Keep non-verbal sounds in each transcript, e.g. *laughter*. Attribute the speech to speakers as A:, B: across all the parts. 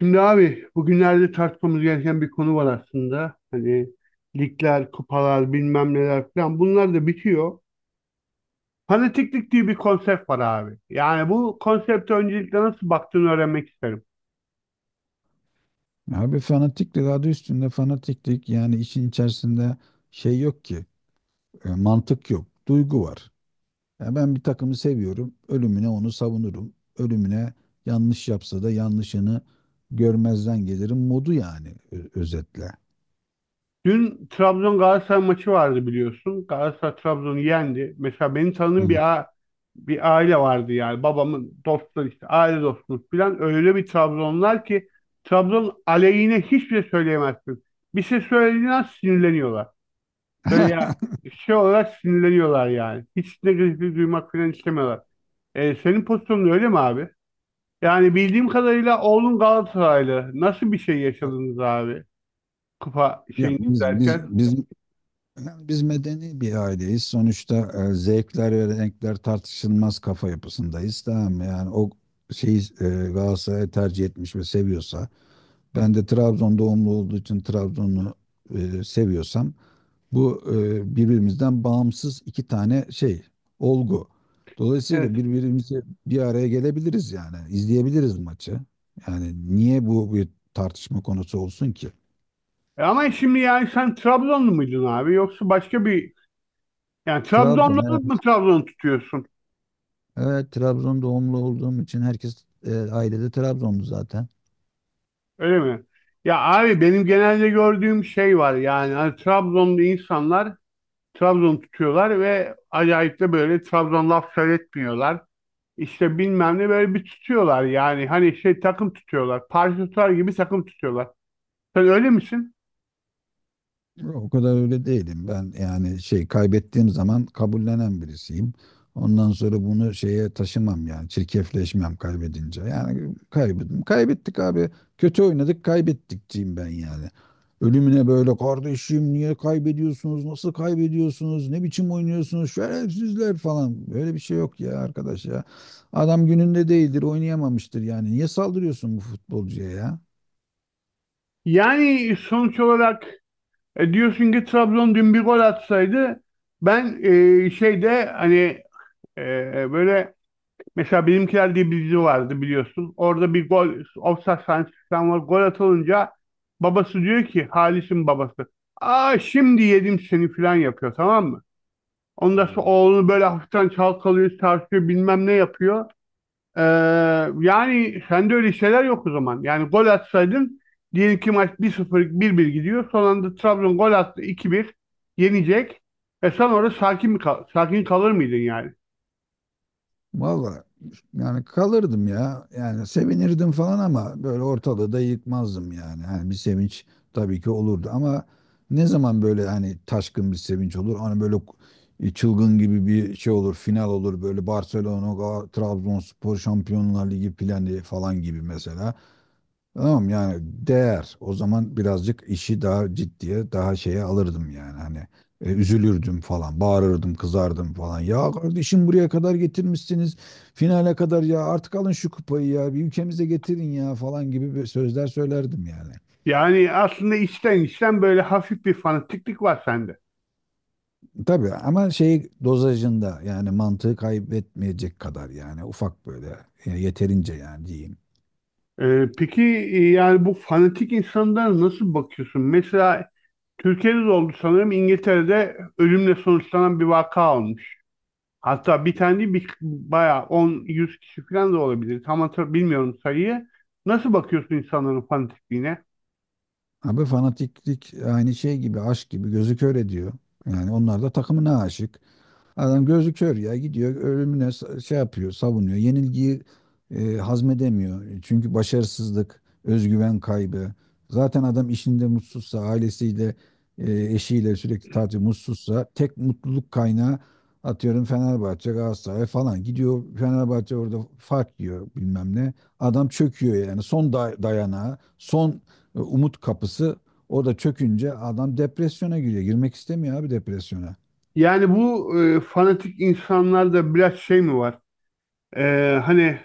A: Şimdi abi bugünlerde tartışmamız gereken bir konu var aslında. Hani ligler, kupalar, bilmem neler falan bunlar da bitiyor. Fanatiklik diye bir konsept var abi. Yani bu konsepte öncelikle nasıl baktığını öğrenmek isterim.
B: Abi, fanatiklik adı üstünde fanatiklik. Yani işin içerisinde şey yok ki, mantık yok, duygu var. Ya, ben bir takımı seviyorum, ölümüne onu savunurum, ölümüne yanlış yapsa da yanlışını görmezden gelirim modu. Yani özetle.
A: Dün Trabzon Galatasaray maçı vardı biliyorsun. Galatasaray Trabzon'u yendi. Mesela benim tanıdığım
B: Evet.
A: bir aile vardı yani. Babamın dostları işte aile dostumuz falan. Öyle bir Trabzonlar ki Trabzon aleyhine hiçbir şey söyleyemezsin. Bir şey söylediğin an sinirleniyorlar. Böyle ya
B: *laughs*
A: şey olarak sinirleniyorlar yani. Hiç negatifi duymak falan istemiyorlar. Senin pozisyonun öyle mi abi? Yani bildiğim kadarıyla oğlun Galatasaraylı. Nasıl bir şey yaşadınız abi? Kupa
B: Ya,
A: şeyini
B: biz biz
A: izlerken.
B: biz biz medeni bir aileyiz. Sonuçta zevkler ve renkler tartışılmaz kafa yapısındayız. Tamam mı? Yani o şeyi, Galatasaray tercih etmiş ve seviyorsa, ben de Trabzon doğumlu olduğu için Trabzon'u seviyorsam, bu birbirimizden bağımsız iki tane şey, olgu. Dolayısıyla
A: Evet.
B: birbirimizi bir araya gelebiliriz yani, izleyebiliriz maçı. Yani niye bu bir tartışma konusu olsun ki?
A: Ama şimdi yani sen Trabzonlu muydun abi? Yoksa başka bir... Yani
B: Trabzon,
A: Trabzonlu olup mu
B: evet.
A: Trabzon tutuyorsun?
B: Evet, Trabzon doğumlu olduğum için herkes, ailede Trabzonlu zaten.
A: Öyle mi? Ya abi benim genelde gördüğüm şey var. Yani hani Trabzonlu insanlar Trabzon tutuyorlar ve acayip de böyle Trabzon laf söyletmiyorlar. İşte bilmem ne böyle bir tutuyorlar yani hani şey takım tutuyorlar. Parti tutar gibi takım tutuyorlar. Sen öyle misin?
B: O kadar öyle değilim. Ben yani şey, kaybettiğim zaman kabullenen birisiyim. Ondan sonra bunu şeye taşımam, yani çirkefleşmem kaybedince. Yani kaybettim. Kaybettik abi. Kötü oynadık, kaybettikçiyim ben yani. Ölümüne, böyle kardeşim niye kaybediyorsunuz? Nasıl kaybediyorsunuz? Ne biçim oynuyorsunuz? Şerefsizler falan. Böyle bir şey yok ya arkadaş ya. Adam gününde değildir, oynayamamıştır yani. Niye saldırıyorsun bu futbolcuya ya?
A: Yani sonuç olarak diyorsun ki Trabzon dün bir gol atsaydı ben şeyde hani böyle mesela Benimkiler diye bir dizi vardı biliyorsun. Orada bir gol ofsayt sahnesi falan var. Gol atılınca babası diyor ki Halis'in babası. Aa şimdi yedim seni falan yapıyor tamam mı?
B: Ha.
A: Ondan sonra oğlunu böyle hafiften çalkalıyor, tartıyor bilmem ne yapıyor. Ee, yani sende öyle şeyler yok o zaman. Yani gol atsaydın diyelim ki maç 1-0 bir bir gidiyor. Son anda Trabzon gol attı 2-1 yenecek. Sen orada sakin kalır mıydın yani?
B: Valla, yani kalırdım ya. Yani sevinirdim falan ama böyle ortalığı da yıkmazdım yani. Hani bir sevinç tabii ki olurdu ama ne zaman böyle hani taşkın bir sevinç olur? Hani böyle çılgın gibi bir şey olur, final olur, böyle Barcelona, Trabzonspor Şampiyonlar Ligi planı falan gibi mesela. Tamam yani, değer. O zaman birazcık işi daha ciddiye, daha şeye alırdım yani. Hani üzülürdüm falan, bağırırdım, kızardım falan. Ya kardeşim, buraya kadar getirmişsiniz. Finale kadar, ya artık alın şu kupayı ya. Bir, ülkemize getirin ya falan gibi bir sözler söylerdim yani.
A: Yani aslında içten içten böyle hafif bir fanatiklik var sende.
B: Tabii, ama şey dozajında, yani mantığı kaybetmeyecek kadar, yani ufak böyle, yeterince yani diyeyim.
A: Peki yani bu fanatik insanlara nasıl bakıyorsun? Mesela Türkiye'de de oldu sanırım İngiltere'de ölümle sonuçlanan bir vaka olmuş. Hatta bir tane değil, bayağı 10-100 kişi falan da olabilir. Tam bilmiyorum sayıyı. Nasıl bakıyorsun insanların fanatikliğine?
B: Abi, fanatiklik aynı şey gibi, aşk gibi gözü kör ediyor. Yani onlar da takımına aşık. Adam gözü kör, ya gidiyor ölümüne, şey yapıyor, savunuyor. Yenilgiyi hazmedemiyor. Çünkü başarısızlık, özgüven kaybı. Zaten adam işinde mutsuzsa, ailesiyle, eşiyle sürekli tatil mutsuzsa, tek mutluluk kaynağı, atıyorum Fenerbahçe, Galatasaray falan. Gidiyor Fenerbahçe, orada fark yiyor bilmem ne. Adam çöküyor yani. Son dayanağı, son umut kapısı orada çökünce adam depresyona giriyor. Girmek istemiyor abi depresyona.
A: Yani bu fanatik insanlarda biraz şey mi var? Hani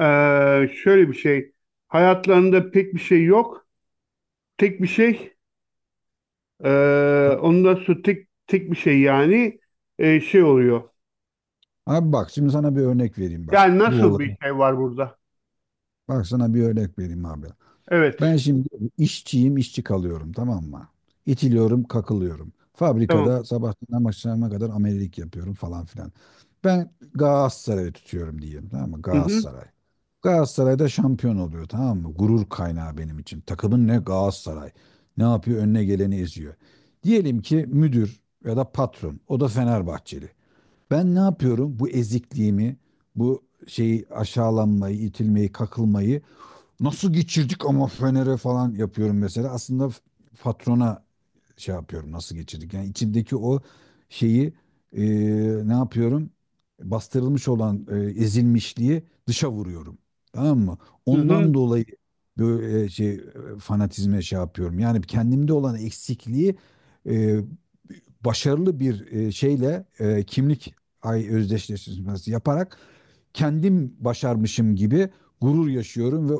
A: şöyle bir şey. Hayatlarında pek bir şey yok. Tek bir şey. Ondan sonra tek bir şey yani şey oluyor.
B: Abi bak, şimdi sana bir örnek vereyim bak.
A: Yani
B: Bu
A: nasıl bir
B: olay.
A: şey var burada?
B: Bak sana bir örnek vereyim abi.
A: Evet.
B: Ben şimdi işçiyim, işçi kalıyorum tamam mı? İtiliyorum, kakılıyorum.
A: Tamam.
B: Fabrikada sabahtan akşama kadar amelelik yapıyorum falan filan. Ben Galatasaray'ı tutuyorum diyeyim tamam mı?
A: Hı hı.
B: Galatasaray. Galatasaray'da şampiyon oluyor tamam mı? Gurur kaynağı benim için. Takımın ne? Galatasaray. Ne yapıyor? Önüne geleni eziyor. Diyelim ki müdür ya da patron. O da Fenerbahçeli. Ben ne yapıyorum? Bu ezikliğimi, bu şeyi, aşağılanmayı, itilmeyi, kakılmayı, nasıl geçirdik ama Fener'e falan yapıyorum mesela. Aslında patrona şey yapıyorum, nasıl geçirdik. Yani içimdeki o şeyi, e, ne yapıyorum? Bastırılmış olan ezilmişliği dışa vuruyorum. Tamam mı?
A: Hı hı.
B: Ondan dolayı böyle şey, fanatizme şey yapıyorum. Yani kendimde olan eksikliği, e, başarılı bir şeyle, kimlik ay özdeşleştirmesi yaparak kendim başarmışım gibi gurur yaşıyorum ve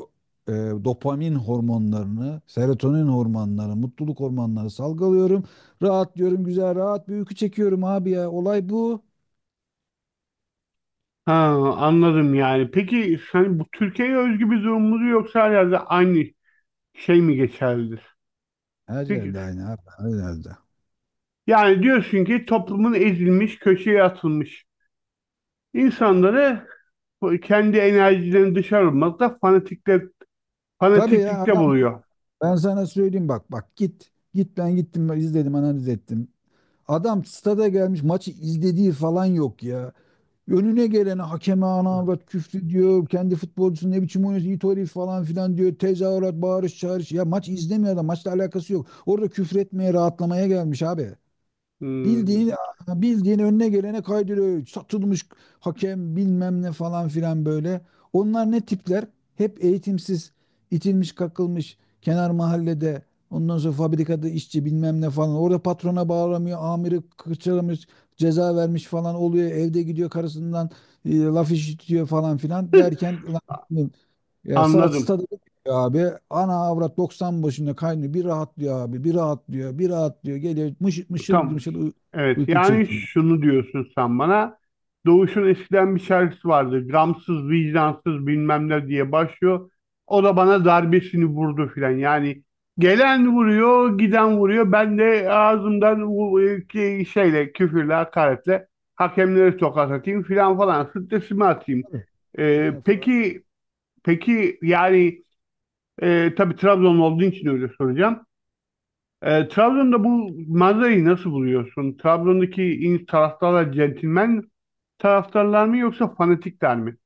B: e, dopamin hormonlarını, serotonin hormonları, mutluluk hormonları salgılıyorum. Rahatlıyorum, güzel rahat bir uyku çekiyorum abi ya. Olay bu.
A: Ha, anladım yani. Peki hani bu Türkiye'ye özgü bir durum mudur yoksa her yerde aynı şey mi geçerlidir?
B: Her
A: Peki
B: yerde aynı abi, her yerde.
A: yani diyorsun ki toplumun ezilmiş, köşeye atılmış insanları kendi enerjilerini dışarı vurmakta
B: Tabii ya,
A: fanatiklikte
B: adam,
A: buluyor.
B: ben sana söyleyeyim bak, bak git. Git, ben gittim, ben izledim, analiz ettim. Adam stada gelmiş, maçı izlediği falan yok ya. Önüne gelene, hakeme, anaavrat küfür diyor. Kendi futbolcusu, ne biçim oynuyorsun it herif falan filan diyor. Tezahürat, bağırış, çağırış. Ya maç izlemiyor adam. Maçla alakası yok. Orada küfür etmeye, rahatlamaya gelmiş abi.
A: Hmm,
B: Bildiğin bildiğin önüne gelene kaydırıyor. Satılmış hakem bilmem ne falan filan böyle. Onlar ne tipler? Hep eğitimsiz, itilmiş, kakılmış kenar mahallede. Ondan sonra fabrikada işçi bilmem ne falan. Orada patrona bağlamıyor, amiri kırçalamış, ceza vermiş falan oluyor. Evde gidiyor karısından laf işitiyor falan filan derken, lan ya saat
A: anladım.
B: stada gidiyor abi. Ana avrat 90 başında kaynıyor. Bir rahatlıyor abi. Bir rahatlıyor. Bir rahatlıyor. Geliyor mışıl mışıl,
A: Tamam.
B: mışıl
A: Evet
B: uyku
A: yani
B: çekiyor.
A: şunu diyorsun sen bana. Doğuş'un eskiden bir şarkısı vardı. Gramsız, vicdansız bilmem ne diye başlıyor. O da bana darbesini vurdu filan. Yani gelen vuruyor, giden vuruyor. Ben de ağzımdan şeyle, küfürle, hakaretle hakemlere tokat atayım filan falan. Stresimi atayım.
B: Tabii.
A: Ee,
B: Yani
A: peki, peki yani tabii Trabzon olduğu için öyle soracağım. Trabzon'da bu manzarayı nasıl buluyorsun? Trabzon'daki taraftarlar centilmen taraftarlar mı yoksa fanatikler mi?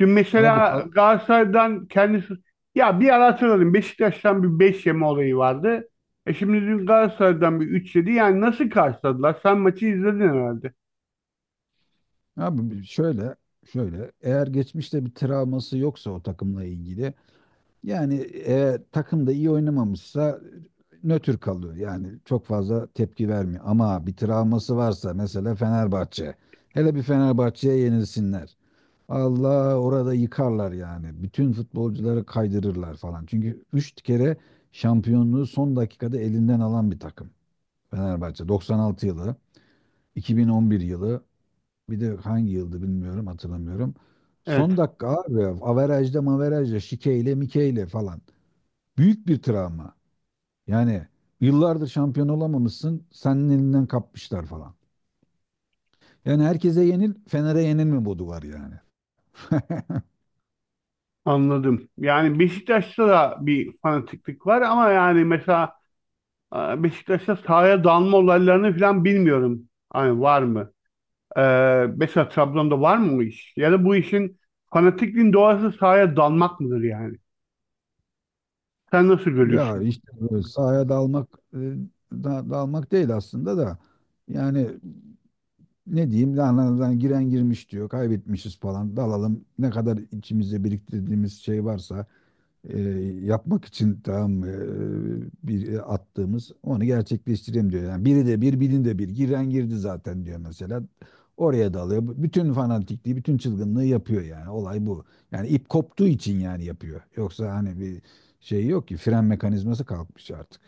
A: Dün
B: abi,
A: mesela Galatasaray'dan kendisi, ya bir ara hatırladım, Beşiktaş'tan bir 5 yeme olayı vardı. Şimdi dün Galatasaray'dan bir 3 yedi. Yani nasıl karşıladılar? Sen maçı izledin herhalde.
B: abi, şöyle eğer geçmişte bir travması yoksa o takımla ilgili, yani eğer takım da iyi oynamamışsa nötr kalıyor. Yani çok fazla tepki vermiyor. Ama bir travması varsa, mesela Fenerbahçe. Hele bir Fenerbahçe'ye yenilsinler. Allah, orada yıkarlar yani. Bütün futbolcuları kaydırırlar falan. Çünkü 3 kere şampiyonluğu son dakikada elinden alan bir takım. Fenerbahçe 96 yılı, 2011 yılı, bir de hangi yıldı bilmiyorum, hatırlamıyorum.
A: Evet,
B: Son dakika abi, averajda maverajda, şikeyle mikeyle falan. Büyük bir travma. Yani yıllardır şampiyon olamamışsın, senin elinden kapmışlar falan. Yani herkese yenil, Fener'e yenilme modu var yani. *laughs*
A: anladım. Yani Beşiktaş'ta da bir fanatiklik var ama yani mesela Beşiktaş'ta sahaya dalma olaylarını falan bilmiyorum. Hani var mı? Mesela Trabzon'da var mı o iş? Ya da bu işin fanatikliğin doğası sahaya dalmak mıdır yani? Sen nasıl görüyorsun
B: Ya
A: bunu?
B: işte böyle sahaya dalmak, dalmak değil aslında da, yani ne diyeyim, giren girmiş diyor, kaybetmişiz falan, dalalım, ne kadar içimizde biriktirdiğimiz şey varsa e, yapmak için, tamam mı, bir attığımız onu gerçekleştireyim diyor. Yani biri de bir bilin de bir giren girdi zaten diyor mesela. Oraya dalıyor. Bütün fanatikliği, bütün çılgınlığı yapıyor yani. Olay bu. Yani ip koptuğu için yani yapıyor. Yoksa hani bir şey yok ki, fren mekanizması kalkmış artık.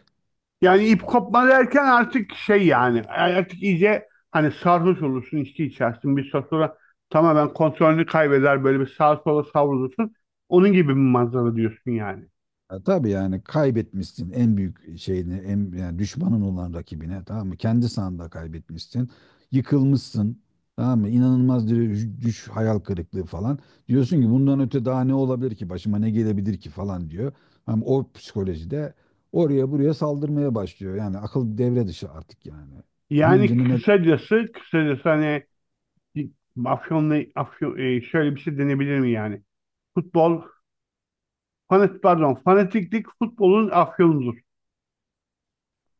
A: Yani ip kopma derken artık şey yani artık iyice hani sarhoş olursun, içki içersin. Bir süre sonra tamamen kontrolünü kaybeder böyle bir sağa sola savrulursun. Onun gibi bir manzara diyorsun yani.
B: Ya tabii, yani kaybetmişsin en büyük şeyini, en yani düşmanın olan rakibine tamam mı? Kendi sahanda kaybetmişsin. Yıkılmışsın. Tamam mı? İnanılmaz, düş, hayal kırıklığı falan. Diyorsun ki bundan öte daha ne olabilir ki? Başıma ne gelebilir ki falan diyor. Ama o psikolojide oraya buraya saldırmaya başlıyor. Yani akıl devre dışı artık yani.
A: Yani
B: Hıncını ne
A: kısacası hani Afyon'la Afyon, şöyle bir şey denebilir mi yani? Futbol, pardon, fanatiklik futbolun afyonudur.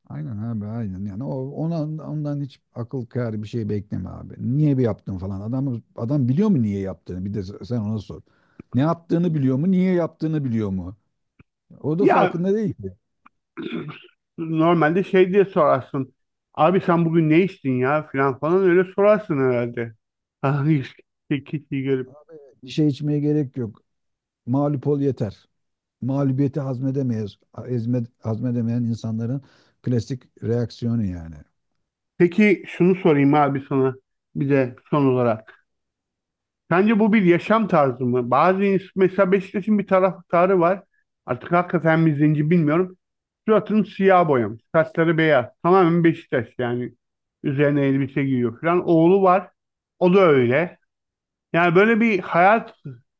B: Aynen abi, aynen yani, o ona, ondan hiç akıl kârı bir şey bekleme abi. Niye bir yaptın falan. Adam biliyor mu niye yaptığını? Bir de sen ona sor. Ne yaptığını biliyor mu? Niye yaptığını biliyor mu? O da
A: Ya
B: farkında değil ki.
A: normalde şey diye sorarsın. Abi sen bugün ne içtin ya filan falan öyle sorarsın herhalde. *laughs* Hani işte kişiyi görüp.
B: Bir şey içmeye gerek yok. Mağlup ol yeter. Mağlubiyeti hazmedemeyiz. Ezme, hazmedemeyen insanların klasik reaksiyonu yani.
A: Peki şunu sorayım abi sana bir de son olarak. Sence bu bir yaşam tarzı mı? Mesela Beşiktaş'ın bir taraftarı var. Artık hakikaten mi zenci bilmiyorum. Suratını siyah boyamış. Saçları beyaz. Tamamen Beşiktaş yani. Üzerine elbise giyiyor falan. Oğlu var. O da öyle. Yani böyle bir hayat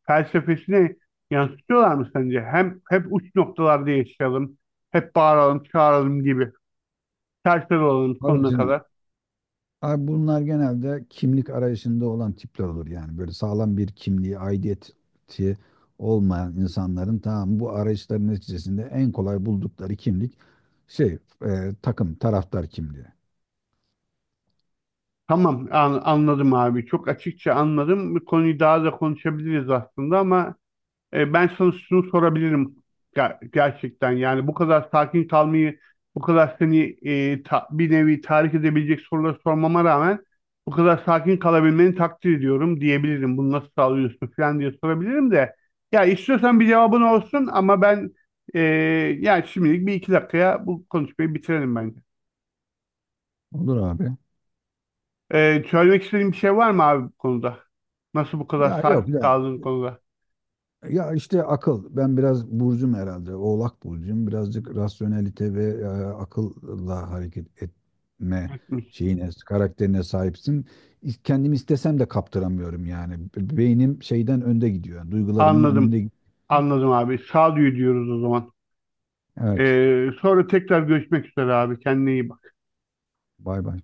A: felsefesini yansıtıyorlar mı sence? Hem hep uç noktalarda yaşayalım, hep bağıralım, çağıralım gibi. Serseri olalım
B: Abi
A: sonuna kadar.
B: Abi, bunlar genelde kimlik arayışında olan tipler olur yani. Böyle sağlam bir kimliği, aidiyeti olmayan insanların, tamam, bu arayışların neticesinde en kolay buldukları kimlik, şey, takım, taraftar kimliği.
A: Tamam, anladım abi. Çok açıkça anladım. Bu konuyu daha da konuşabiliriz aslında ama ben sana şunu sorabilirim gerçekten. Yani bu kadar sakin kalmayı, bu kadar seni bir nevi tahrik edebilecek soruları sormama rağmen bu kadar sakin kalabilmeni takdir ediyorum diyebilirim. Bunu nasıl sağlıyorsun falan diye sorabilirim de. Ya istiyorsan bir cevabın olsun ama ben e, yani şimdilik bir iki dakikaya bu konuşmayı bitirelim bence.
B: Olur abi.
A: Söylemek istediğin bir şey var mı abi bu konuda? Nasıl bu kadar
B: Ya yok
A: sakin
B: ya.
A: kaldığın konuda?
B: Ya işte, akıl. Ben biraz burcum herhalde. Oğlak burcum. Birazcık rasyonelite ve akılla hareket etme şeyine, karakterine sahipsin. Kendim istesem de kaptıramıyorum yani. Beynim şeyden önde gidiyor, yani duygularımın önünde
A: Anladım.
B: gidiyor.
A: Anladım abi. Sağduyu diyoruz o zaman.
B: Evet.
A: Sonra tekrar görüşmek üzere abi. Kendine iyi bak.
B: Bay bay.